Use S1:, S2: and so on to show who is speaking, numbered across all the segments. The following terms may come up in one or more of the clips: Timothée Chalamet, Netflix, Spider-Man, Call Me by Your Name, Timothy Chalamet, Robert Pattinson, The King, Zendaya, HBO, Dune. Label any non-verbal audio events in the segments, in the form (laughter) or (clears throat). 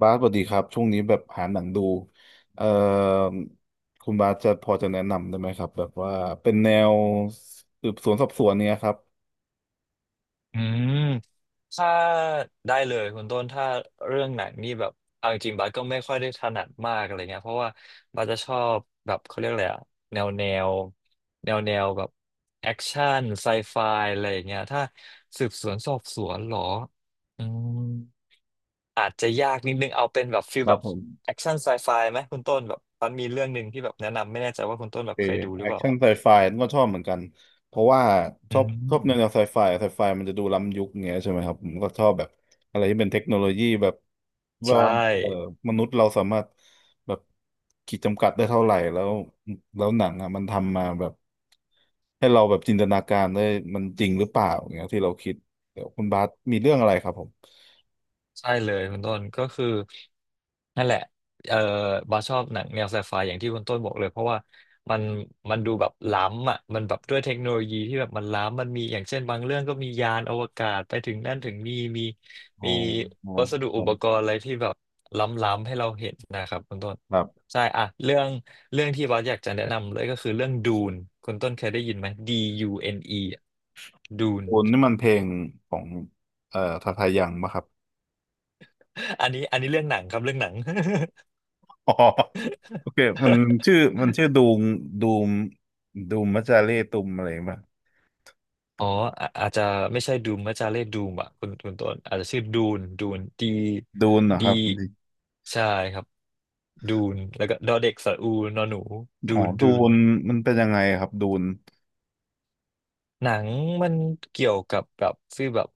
S1: บาสสวัสดีครับช่วงนี้แบบหาหนังดูเอ่อคุณบาสจะพอจะแนะนำได้ไหมครับแบบว่าเป็นแนวสืบสวนสอบสวนเนี้ยครับ
S2: อืมถ้าได้เลยคุณต้นถ้าเรื่องหนังนี่แบบเอาจริงๆบัสก็ไม่ค่อยได้ถนัดมากอะไรเงี้ยเพราะว่าบัสจะชอบแบบเขาเรียกอะไรอะแนวแนวแนวแบบแอคชั่นไซไฟอะไรอย่างเงี้ยถ้าสืบสวนสอบสวนเหรออืมอาจจะยากนิดนึงเอาเป็นแบบฟิ
S1: ค
S2: ล
S1: รั
S2: แบ
S1: บ
S2: บ
S1: ผม
S2: แอคชั่นไซไฟไหมคุณต้นแบบมันมีเรื่องหนึ่งที่แบบแนะนำไม่แน่ใจว่าคุณต้นแบ
S1: เอ
S2: บ
S1: อ
S2: เคยดูหรื
S1: แอ
S2: อเป
S1: ค
S2: ล่า
S1: ชั่นไซไฟก็ชอบเหมือนกันเพราะว่าช
S2: อื
S1: อบชอบแนว
S2: ม
S1: ไซไฟมันจะดูล้ำยุคเงี้ยใช่ไหมครับผมก็ชอบแบบอะไรที่เป็นเทคโนโลยีแบบ
S2: ใช
S1: ว่าเออ
S2: ่
S1: มนุษย์เราสามารถแบบขีดจำกัดได้เท่าไหร่แล้วแล้วหนังอ่ะมันทำมาแบบให้เราแบบจินตนาการได้มันจริงหรือเปล่าเงี้ยที่เราคิดเดี๋ยวคุณบาสมีเรื่องอะไรครับผม
S2: ใช่เลยคุณต้นก็คือนั่นแหละเออบาสชอบหนังแนวไซไฟอย่างที่คุณต้นบอกเลยเพราะว่ามันมันดูแบบล้ำอ่ะมันแบบด้วยเทคโนโลยีที่แบบมันล้ำมันมีอย่างเช่นบางเรื่องก็มียานอวกาศไปถึงนั่นถึงนี่มี
S1: อ๋อ
S2: มี
S1: อ๋อ
S2: วัสดุ
S1: ครั
S2: อุป
S1: บ
S2: กรณ์อะไรที่แบบล้ำๆให้เราเห็นนะครับคุณต้น
S1: ครับ
S2: ใช่อ่ะเรื่องที่บาสอยากจะแนะนำเลยก็คือเรื่องดูนคุณต้นเคยได้ยินไหม Dune ดูน
S1: คุณนี่มันเพลงของทาทายังปะครับ
S2: (laughs) อันนี้เรื่องหนังครับเรื่องหนัง
S1: อ๋อโอเคมัน
S2: (laughs)
S1: ชื่อดูมดูมดูมมัจจาเรตุมอะไรป่ะ
S2: อ๋ออาจจะไม่ใช่ดูมอาจจะเรียกดูมอ่ะคุณต้นอาจจะชื่อดูนดี
S1: ดูนเหรอค
S2: ดี
S1: รับดิ
S2: ใช่ครับดูนแล้วก็ดอเด็กสระอูนอหนูดู
S1: อ๋อ
S2: น
S1: ดู
S2: ดูน
S1: นมันเป็นยังไงครับดูน
S2: หนังมันเกี่ยวกับแบบฟีลแบบ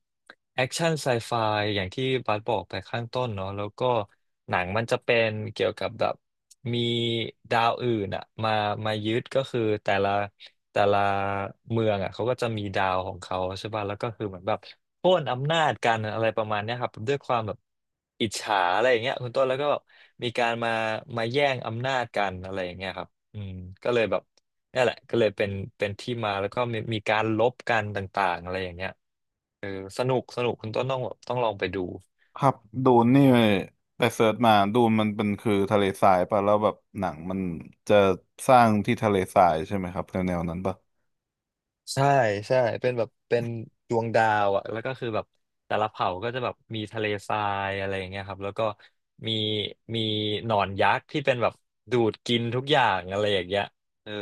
S2: แอคชั่นไซไฟอย่างที่บาสบอกไปข้างต้นเนาะแล้วก็หนังมันจะเป็นเกี่ยวกับแบบมีดาวอื่นอะมายึดก็คือแต่ละเมืองอะเขาก็จะมีดาวของเขาใช่ป่ะแล้วก็คือเหมือนแบบโค่นอำนาจกันอะไรประมาณเนี้ยครับด้วยความแบบอิจฉาอะไรอย่างเงี้ยคุณต้นแล้วก็แบบมีการมาแย่งอำนาจกันอะไรอย่างเงี้ยครับอืมก็เลยแบบ นี่แหละก็เลยเป็นที่มาแล้วก็มีการลบกันต่างๆอะไรอย่างเงี้ยเออสนุกสนุกคุณต้นต้องแบบต้องลองไปดู
S1: ครับดูนนี่ไปเสิร์ชมาดูนมันเป็นคือทะเลทรายป่ะแล้วแบบหนังมันจะสร้างที่ทะเลทรายใช่ไหมครับแนวนั้นป่ะ
S2: ใช่ใช่เป็นแบบเป็นดวงดาวอ่ะแล้วก็คือแบบแต่ละเผ่าก็จะแบบมีทะเลทรายอะไรอย่างเงี้ยครับแล้วก็มีมีหนอนยักษ์ที่เป็นแบบดูดกินทุกอย่างอะไรอย่างเงี้ยเออ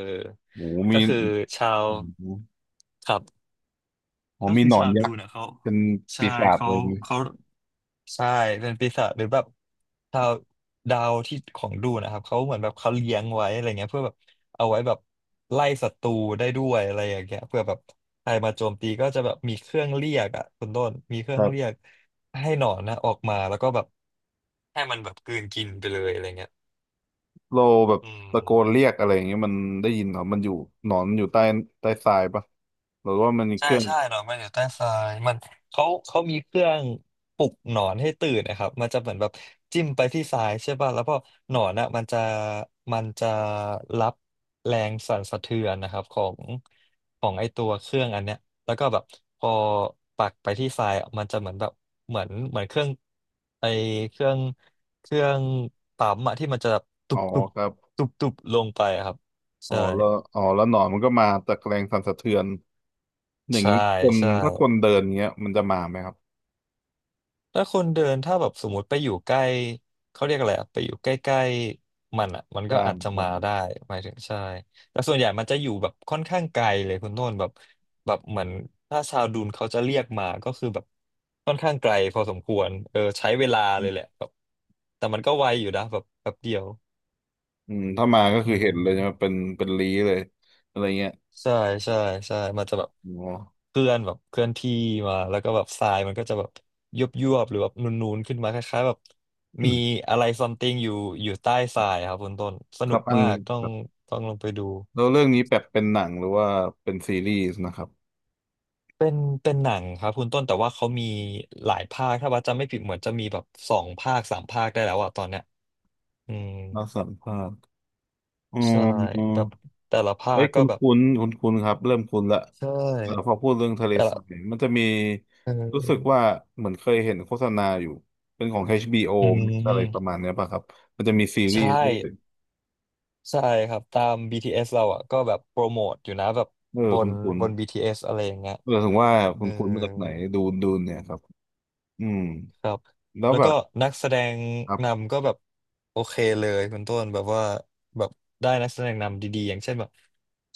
S1: โอ้โหมี
S2: ก็คือชาว
S1: โอ้
S2: ครับ
S1: โห
S2: ก็
S1: มี
S2: คือ
S1: หนอน
S2: ชาวดู
S1: ยักษ์
S2: นะเขา
S1: เป็น
S2: ใช่
S1: ปีศาจ
S2: เขา
S1: เลย
S2: เขา ใช่เป็นปีศาจหรือแบบดาวดาวที่ของดูนะครับเขาเหมือนแบบเขาเลี้ยงไว้อะไรเงี้ยเพื่อแบบเอาไว้แบบไล่ศัตรูได้ด้วยอะไรอย่างเงี้ยเพื่อแบบใครมาโจมตีก็จะแบบมีเครื่องเรียกอ่ะคุณต้นมีเค
S1: ค
S2: รื่อง
S1: รั
S2: เรียก
S1: บ
S2: ให้หนอนนะออกมาแล้วก็แบบให้มันแบบกลืนกินไปเลยอะไรเงี้ย
S1: เราแบบ
S2: อื
S1: ตะโกนเรี
S2: ม
S1: ยกอะไรอย่างเงี้ยมันได้ยินเหรอมันอยู่หนอนมันอยู่ใต้ใต้ทรายปะหรือว่ามันมีเค
S2: ใช่
S1: รื่อง
S2: ใช่หนอนมันอยู่ใต้ทรายมันเขามีเครื่องปลุกหนอนให้ตื่นนะครับมันจะเหมือนแบบจิ้มไปที่ทรายใช่ป่ะแล้วพอหนอนอ่ะมันจะรับแรงสั่นสะเทือนนะครับของไอตัวเครื่องอันเนี้ยแล้วก็แบบพอปักไปที่ทรายอะมันจะเหมือนแบบเหมือนเครื่องไอเครื่องเครื่องปั๊มอะที่มันจะแบบตุ
S1: อ๋อ
S2: บตุบ
S1: ครับ
S2: ตุบตุบลงไปอะครับ
S1: อ๋อ
S2: ใช่
S1: แล้วอ๋อแล้วหนอนมันก็มาตะแกรงสั่นสะเทือนอย่าง
S2: ใช่
S1: งี้คน
S2: ใช่
S1: ถ้าคนเดินเงี้ยมันจะมาไหมครับ
S2: แล้วคนเดินถ้าแบบสมมติไปอยู่ใกล้เขาเรียกอะไรอะไปอยู่ใกล้ๆมันอ่ะมันก็
S1: ร่าง
S2: อาจจะ
S1: ขอ
S2: มา
S1: ง
S2: ได้หมายถึงใช่แต่ส่วนใหญ่มันจะอยู่แบบค่อนข้างไกลเลยคุณโน่นแบบแบบเหมือนถ้าชาวดูนเขาจะเรียกมาก็คือแบบค่อนข้างไกลพอสมควรเออใช้เวลาเลยแหละแบบแต่มันก็ไวอยู่นะแบบแป๊บเดียว
S1: อืมถ้ามาก็
S2: อื
S1: คือเห็นเลยใช่ไหม
S2: ม
S1: เป็นเป็นลี้เลยอะไรเงี้ย
S2: ใช่ใช่ใช่ มันจะแบบ
S1: อ๋อ
S2: เคลื่อนแบบเคลื่อนที่มาแล้วก็แบบทรายมันก็จะแบบยุบยุบหรือแบบนูนๆขึ้นมาคล้ายๆแบบมีอะไรซัมติงอยู่อยู่ใต้ทรายครับคุณต้นส
S1: (clears throat) ค
S2: นุ
S1: รั
S2: ก
S1: บอัน
S2: มากต้อ
S1: ค
S2: ง
S1: รับ
S2: ลองไปดู
S1: แล้วเรื่องนี้แบบเป็นหนังหรือว่าเป็นซีรีส์นะครับ
S2: เป็นเป็นหนังครับคุณต้นแต่ว่าเขามีหลายภาคถ้าว่าจำไม่ผิดเหมือนจะมีแบบ2 ภาค 3 ภาคได้แล้วอะตอนเนี้ยอืม
S1: น่าสัมภาษณ์อืม
S2: ใช่แบบแต่ละภา
S1: เอ้
S2: ค
S1: ย
S2: ก็
S1: คุ้น
S2: แบบ
S1: คุ้นคุ้นคุ้นๆครับเริ่มคุ้นละ
S2: ใช
S1: เออพอ
S2: ่
S1: พูดเรื่องทะเล
S2: แต่
S1: ท
S2: ละ
S1: รายมันจะมี
S2: เ
S1: รู้สึก
S2: ออ
S1: ว่าเหมือนเคยเห็นโฆษณาอยู่เป็นของ HBO อช
S2: อื
S1: บีโออะไรประมา
S2: ม
S1: ณเนี้ยป่ะครับมันจะมีซีรีส์
S2: ใช่
S1: ด้วย
S2: ใช่ครับตาม BTS เอสเราอ่ะก็แบบโปรโมทอยู่นะแบบ
S1: เออ
S2: บ
S1: คุ้
S2: น
S1: นคุ้น
S2: บน BTS อสอะไรอย่างเงี้ย
S1: เออถึงว่า
S2: เอ
S1: คุ้
S2: อ
S1: นคุ้นมาจากไหนดูดูเนี่ยครับอืม
S2: ครับ
S1: แล้ว
S2: แล้ว
S1: แบ
S2: ก็
S1: บ
S2: นักแสดง
S1: ครับ
S2: นำก็แบบโอเคเลยคุณต้นแบบว่าแบบได้นักแสดงนำดีๆอย่างเช่นแบบ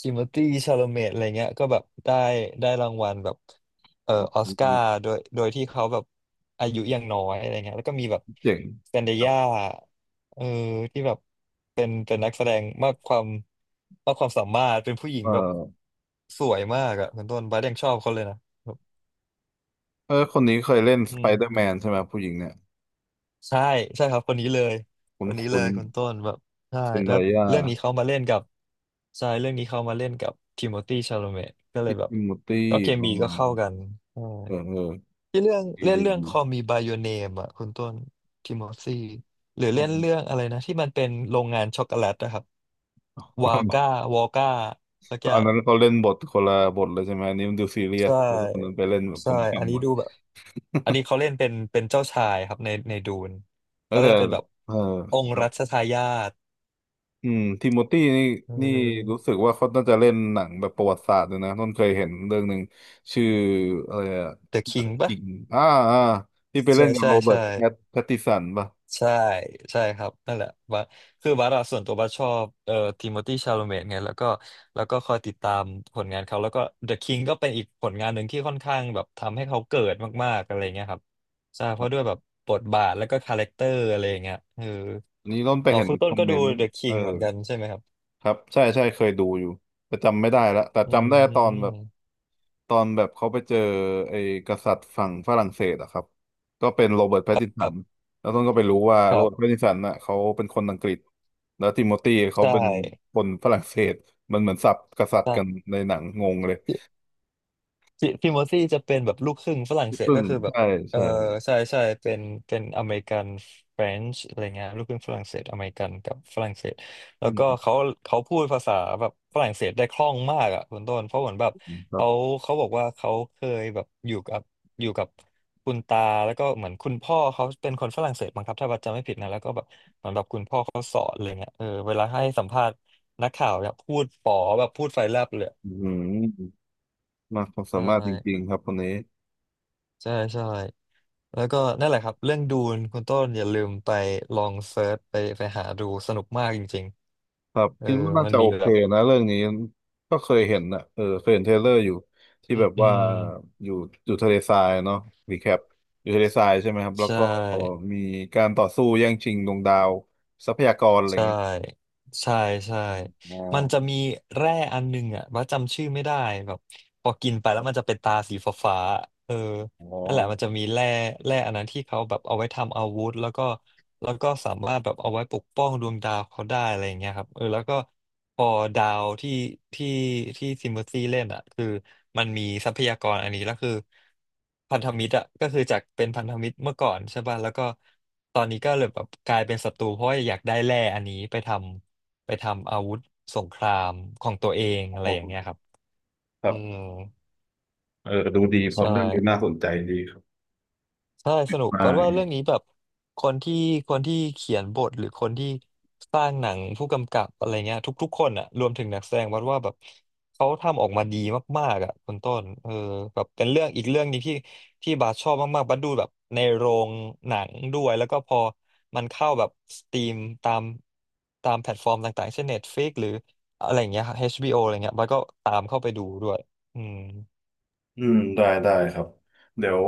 S2: ทิโมธีชาโลเมตอะไรเงี้ยก็แบบได้รางวัลแบบออสการ์โดยที่เขาแบบอายุยังน้อยอะไรเงี้ยแล้วก็มีแบบ
S1: เจ๋ง
S2: แซนเดี
S1: ครับ
S2: ยาเออที่แบบเป็นนักแสดงมากความมากความสามารถเป็นผู้หญิ
S1: เ
S2: งแบบ
S1: ออ
S2: สวยมากอะคุณต้นบาสยังชอบเขาเลยนะ
S1: เออคนนี้เคยเล่น
S2: อื
S1: สไป
S2: ม
S1: เดอร์แมนใช่ไหมผู้หญิงเนี่ย
S2: ใช่ใช่ครับคนนี้เลย
S1: คุ้
S2: ค
S1: น
S2: นนี้เล
S1: คุ้น
S2: ยคุณต้นแบบใช่
S1: เซนได
S2: แล้ว
S1: ยา
S2: เรื่องนี้เขามาเล่นกับใช่เรื่องนี้เขามาเล่นกับทิโมธีชาโลเมตก็เล
S1: พิ
S2: ย
S1: ต
S2: แบบ
S1: ติมูตี้
S2: ก็เค
S1: อ๋อ
S2: มีก็เข้ากันใช่
S1: เออเออ
S2: ที่เรื่อง
S1: ดี
S2: เล่น
S1: ดี
S2: เรื่อง
S1: ดี
S2: Call Me by Your Name อ่ะคุณต้นทิโมธีหรือ
S1: ข
S2: เล่
S1: อง
S2: นเรื่องอะไรนะที่มันเป็นโรงงานช็อกโกแลตนะครับวาก้า
S1: (laughs)
S2: วอก้าสักอ
S1: อั
S2: ย่า
S1: น
S2: ง
S1: นั้นเขาเล่นบทคนละบทเลยใช่ไหมอันนี้มันดูซีเรียส
S2: ใช่
S1: แล้วก็คนนั้นไปเล่นแบบข
S2: ใช่ อั
S1: ำ
S2: น
S1: ๆห
S2: นี้
S1: มด
S2: ดูแบบอันนี้เขาเล่นเป็นเจ้าชายครับในดูน
S1: แล้ว
S2: เขา
S1: แต่
S2: เล่นเป็นแบบ
S1: เออ
S2: อง
S1: ค
S2: ค์
S1: รับ
S2: รัชทายาท
S1: อืมทิโมธีนี่
S2: เ
S1: นี่รู้
S2: ออ
S1: สึกว่าเขาน่าจะเล่นหนังแบบประวัติศาสตร์เลยนะต้นเคยเห็นเรื่องหนึ่งชื่ออะไรอะ
S2: The King
S1: ห
S2: ป่
S1: ญิ
S2: ป
S1: งอ่าอ่าที่
S2: ะ
S1: ไปเล่
S2: ใช่
S1: นกับ
S2: ใช่
S1: โรเบิร์
S2: ใช่
S1: ตแพตตินสันป่ะ
S2: ใช่ใช่ครับนั่นแหละบัสคือบัสอะส่วนตัวบัสชอบทิโมธีชาโลเมตไงแล้วก็แล้วก็คอยติดตามผลงานเขาแล้วก็ The King ก็เป็นอีกผลงานหนึ่งที่ค่อนข้างแบบทำให้เขาเกิดมากๆอะไรเงี้ยครับใช่เพ
S1: ครั
S2: ราะด้วย
S1: บ
S2: แบบบทบาทแล้วก็คาแรคเตอร์อะไรอย่างเงี้ยเออ
S1: อันนี้ต้นไป
S2: อ๋อ
S1: เห็น
S2: คุณ
S1: ค
S2: ต้
S1: อ
S2: น
S1: ม
S2: ก็
S1: เม
S2: ดู
S1: นต์
S2: The
S1: เออ
S2: King เหมือนกันใช่ไหมครับ
S1: ครับใช่ใช่เคยดูอยู่แต่จำไม่ได้ละแต่
S2: อื
S1: จำได้
S2: ม
S1: ตอนแบบเขาไปเจอไอ้กษัตริย์ฝั่งฝรั่งเศสอะครับก็เป็นโรเบิร์ตแพตติน
S2: ค
S1: สั
S2: รั
S1: น
S2: บ
S1: แล้วต้นก็ไปรู้ว่า
S2: ค
S1: โร
S2: รั
S1: เบิร์ตแพต
S2: บ
S1: ตินสันน่ะเขาเป็นคนอังกฤษแล้วติโมธีเขาเป็
S2: ใช่
S1: นคนฝรั่งเศสมันเหมือนสับกษัตริย์กัน
S2: ใช่
S1: ในหนังงงเลย
S2: พี่โมซี่จะเป็นแบบลูกครึ่งฝรั่งเศส
S1: ซึ่
S2: ก็
S1: ง
S2: คือแบบ
S1: ใช่
S2: เออ
S1: ใช่
S2: ใช่ใช่เป็นเป็นอเมริกันเฟรนช์อะไรเงี้ยลูกครึ่งฝรั่งเศสอเมริกันกับฝรั่งเศส
S1: อื
S2: แล้วก็
S1: ม
S2: เขาพูดภาษาแบบฝรั่งเศสได้คล่องมากอ่ะคุณต้นเพราะเหมือนแบบ
S1: คร
S2: เขา
S1: ับ
S2: เขาบอกว่าเขาเคยแบบอยู่กับคุณตาแล้วก็เหมือนคุณพ่อเขาเป็นคนฝรั่งเศสมั้งครับถ้าว่าจำไม่ผิดนะแล้วก็แบบเหมือนแบบคุณพ่อเขาสอนอะไรเงี้ยเออเวลาให้สัมภาษณ์นักข่าวเนี่ยพูดป๋อแบบพูดไฟแลบเลย
S1: อืมมากความสา
S2: ใช่
S1: มารถจริงๆครับคนนี้
S2: ใช่ใช่ แล้วก็นั่นแหละครับเรื่องดูนคุณต้นอย่าลืมไปลองเซิร์ชไปหาดูสนุกมากจริง
S1: ครับ
S2: ๆเออ
S1: คิดว่าน่า
S2: มัน
S1: จะ
S2: มี
S1: โอเค
S2: แบบ
S1: นะเรื่องนี้ก็เคยเห็นนะเออเคยเห็นเทรลเลอร์อยู่ที่
S2: อื
S1: แบ
S2: ม
S1: บ
S2: อื
S1: ว่า
S2: ม
S1: อยู่อยู่ทะเลทรายเนาะรีแคปอยู่ทะเลทรายใช่ไหมครับแล้
S2: ใช
S1: วก็
S2: ่
S1: มีการต่อสู้แย่งชิงดวงดาวทรัพยากรอะไรอย่า
S2: ใช่
S1: งเงี้ย
S2: ใช่ใช่
S1: อ๋อ
S2: มันจะมีแร่อันหนึงอ่ะว่าจำชื่อไม่ได้แบบพอกินไป
S1: ค
S2: แล้ว
S1: รั
S2: มัน
S1: บ
S2: จะเป็นตาสีฟ้าๆเออ
S1: อ๋อ
S2: นั่นแหละมันจะมีแร่อันนั้นที่เขาแบบเอาไว้ทำอาวุธแล้วก็แล้วก็สามารถแบบเอาไว้ปกป้องดวงดาวเขาได้อะไรอย่างเงี้ยครับเออแล้วก็พอดาวที่ที่ซิมเบอร์ซี่เล่นอ่ะคือมันมีทรัพยากรอันนี้แล้วคือพันธมิตรอ่ะก็คือจากเป็นพันธมิตรเมื่อก่อนใช่ป่ะแล้วก็ตอนนี้ก็เลยแบบกลายเป็นศัตรูเพราะว่าอยากได้แร่อันนี้ไปทำอาวุธสงครามของตัวเองอะไรอย่างเงี้ยครับ
S1: ค
S2: อื
S1: รั
S2: ม
S1: บเออดูดีพล็อ
S2: ใช่
S1: ตเรื่องนี้น่าสนใจดีครับ
S2: ใช่สนุก
S1: ไ
S2: เพราะว่าเรื่อ
S1: ด้
S2: งนี้แบบคนที่คนที่เขียนบทหรือคนที่สร้างหนังผู้กำกับอะไรเงี้ยทุกๆคนอะรวมถึงนักแสดงวัดว่าแบบเขาทำออกมาดีมากๆอะคุณต้นเออแบบเป็นเรื่องอีกเรื่องนี้ที่ที่บาสชอบมากๆบัสดูแบบในโรงหนังด้วยแล้วก็พอมันเข้าแบบสตรีมตามตามแพลตฟอร์มต่างๆเช่น Netflix หรืออะไรเงี้ย HBO อชบีโออะไรเงี้ยบัสก็ตามเข้าไปดูด้วยอืม
S1: อืมได้ได้ครับเดี๋ยว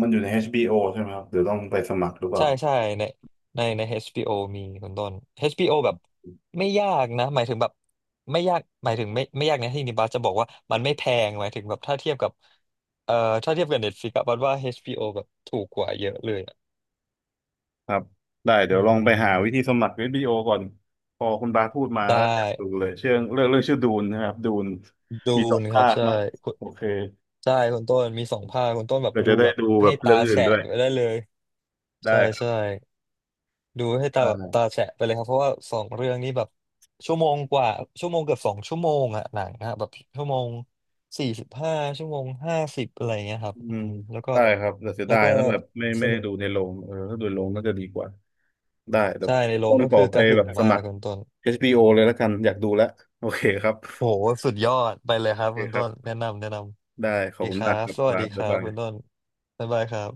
S1: มันอยู่ใน HBO ใช่ไหมครับเดี๋ยวต้องไปสมัครหรือเปล่า
S2: ใช่ใช่ในในใน HBO มีคุณต้น HBO แบบไม่ยากนะหมายถึงแบบไม่ยากหมายถึงไม่ยากนะที่นิบาสจะบอกว่ามันไม่แพงหมายถึงแบบถ้าเทียบกับเอ่อถ้าเทียบกับ Netflix อะบัดว่า HBO แบบถูกกว่าเยอะเลยอะ
S1: ครับได้เดี๋
S2: อื
S1: ยวลองไปหาวิ
S2: ม
S1: ธีสมัคร HBO ก่อนพอคุณบาสพูดมา
S2: ได้
S1: แล้วอยากดูเลยเชื่องเรื่องเรื่องชื่อดูนนะครับดูน
S2: ดู
S1: มีสอง
S2: นะครั
S1: ภา
S2: บ
S1: ค
S2: ใช่
S1: นะ
S2: คุณ
S1: โอเค
S2: ใช่คุณต้นมี2 ภาคคุณต้นแบบ
S1: เดี๋ยว
S2: ดู
S1: จะได้
S2: แบบ
S1: ดูแบ
S2: ให้
S1: บ
S2: ตา
S1: เรื่องอื่น
S2: แฉะ
S1: ด้วย
S2: ไปได้เลยใช่
S1: ได้ครับ
S2: ใช่ ดูให้ตาแบบ
S1: ได้
S2: ตาแฉะไปเลยครับเพราะว่าสองเรื่องนี้แบบชั่วโมงกว่าชั่วโมงเกือบ2 ชั่วโมงอะหนังนะแบบชั่วโมง45ชั่วโมง50อะไรเงี้ยครับ
S1: อื
S2: อื
S1: ม
S2: มแล้วก็
S1: ได้ครับแต่เสีย
S2: แล้ว
S1: ดาย
S2: ก็
S1: นะแบบไม่
S2: ส
S1: ไม่ได้
S2: นุก
S1: ดูในโรงเออถ้าดูในโรงน่าจะดีกว่าได้เดี๋ยว
S2: ใช่ในโร
S1: ต้อ
S2: ง
S1: ง
S2: ก็
S1: ขอ
S2: คือ
S1: ไป
S2: กระหึ่
S1: แบ
S2: ม
S1: บส
S2: มา
S1: มั
S2: ก
S1: คร
S2: คุณต้น
S1: HBO เลยแล้วกันอยากดูแล้วโอเคครับ
S2: โหสุดยอดไปเลยค
S1: โอ
S2: รับ
S1: เค
S2: คุณ
S1: ครั
S2: ต้
S1: บ
S2: นแนะนำแนะน
S1: ได้ข
S2: ำ
S1: อบ
S2: ดี
S1: คุ
S2: ค
S1: ณ
S2: รั
S1: มากค
S2: บ
S1: รับ
S2: สวัส
S1: บา
S2: ดี
S1: ส
S2: ค
S1: บ๊าย
S2: รับ
S1: บาย
S2: คุณต้นบ๊ายบายครับ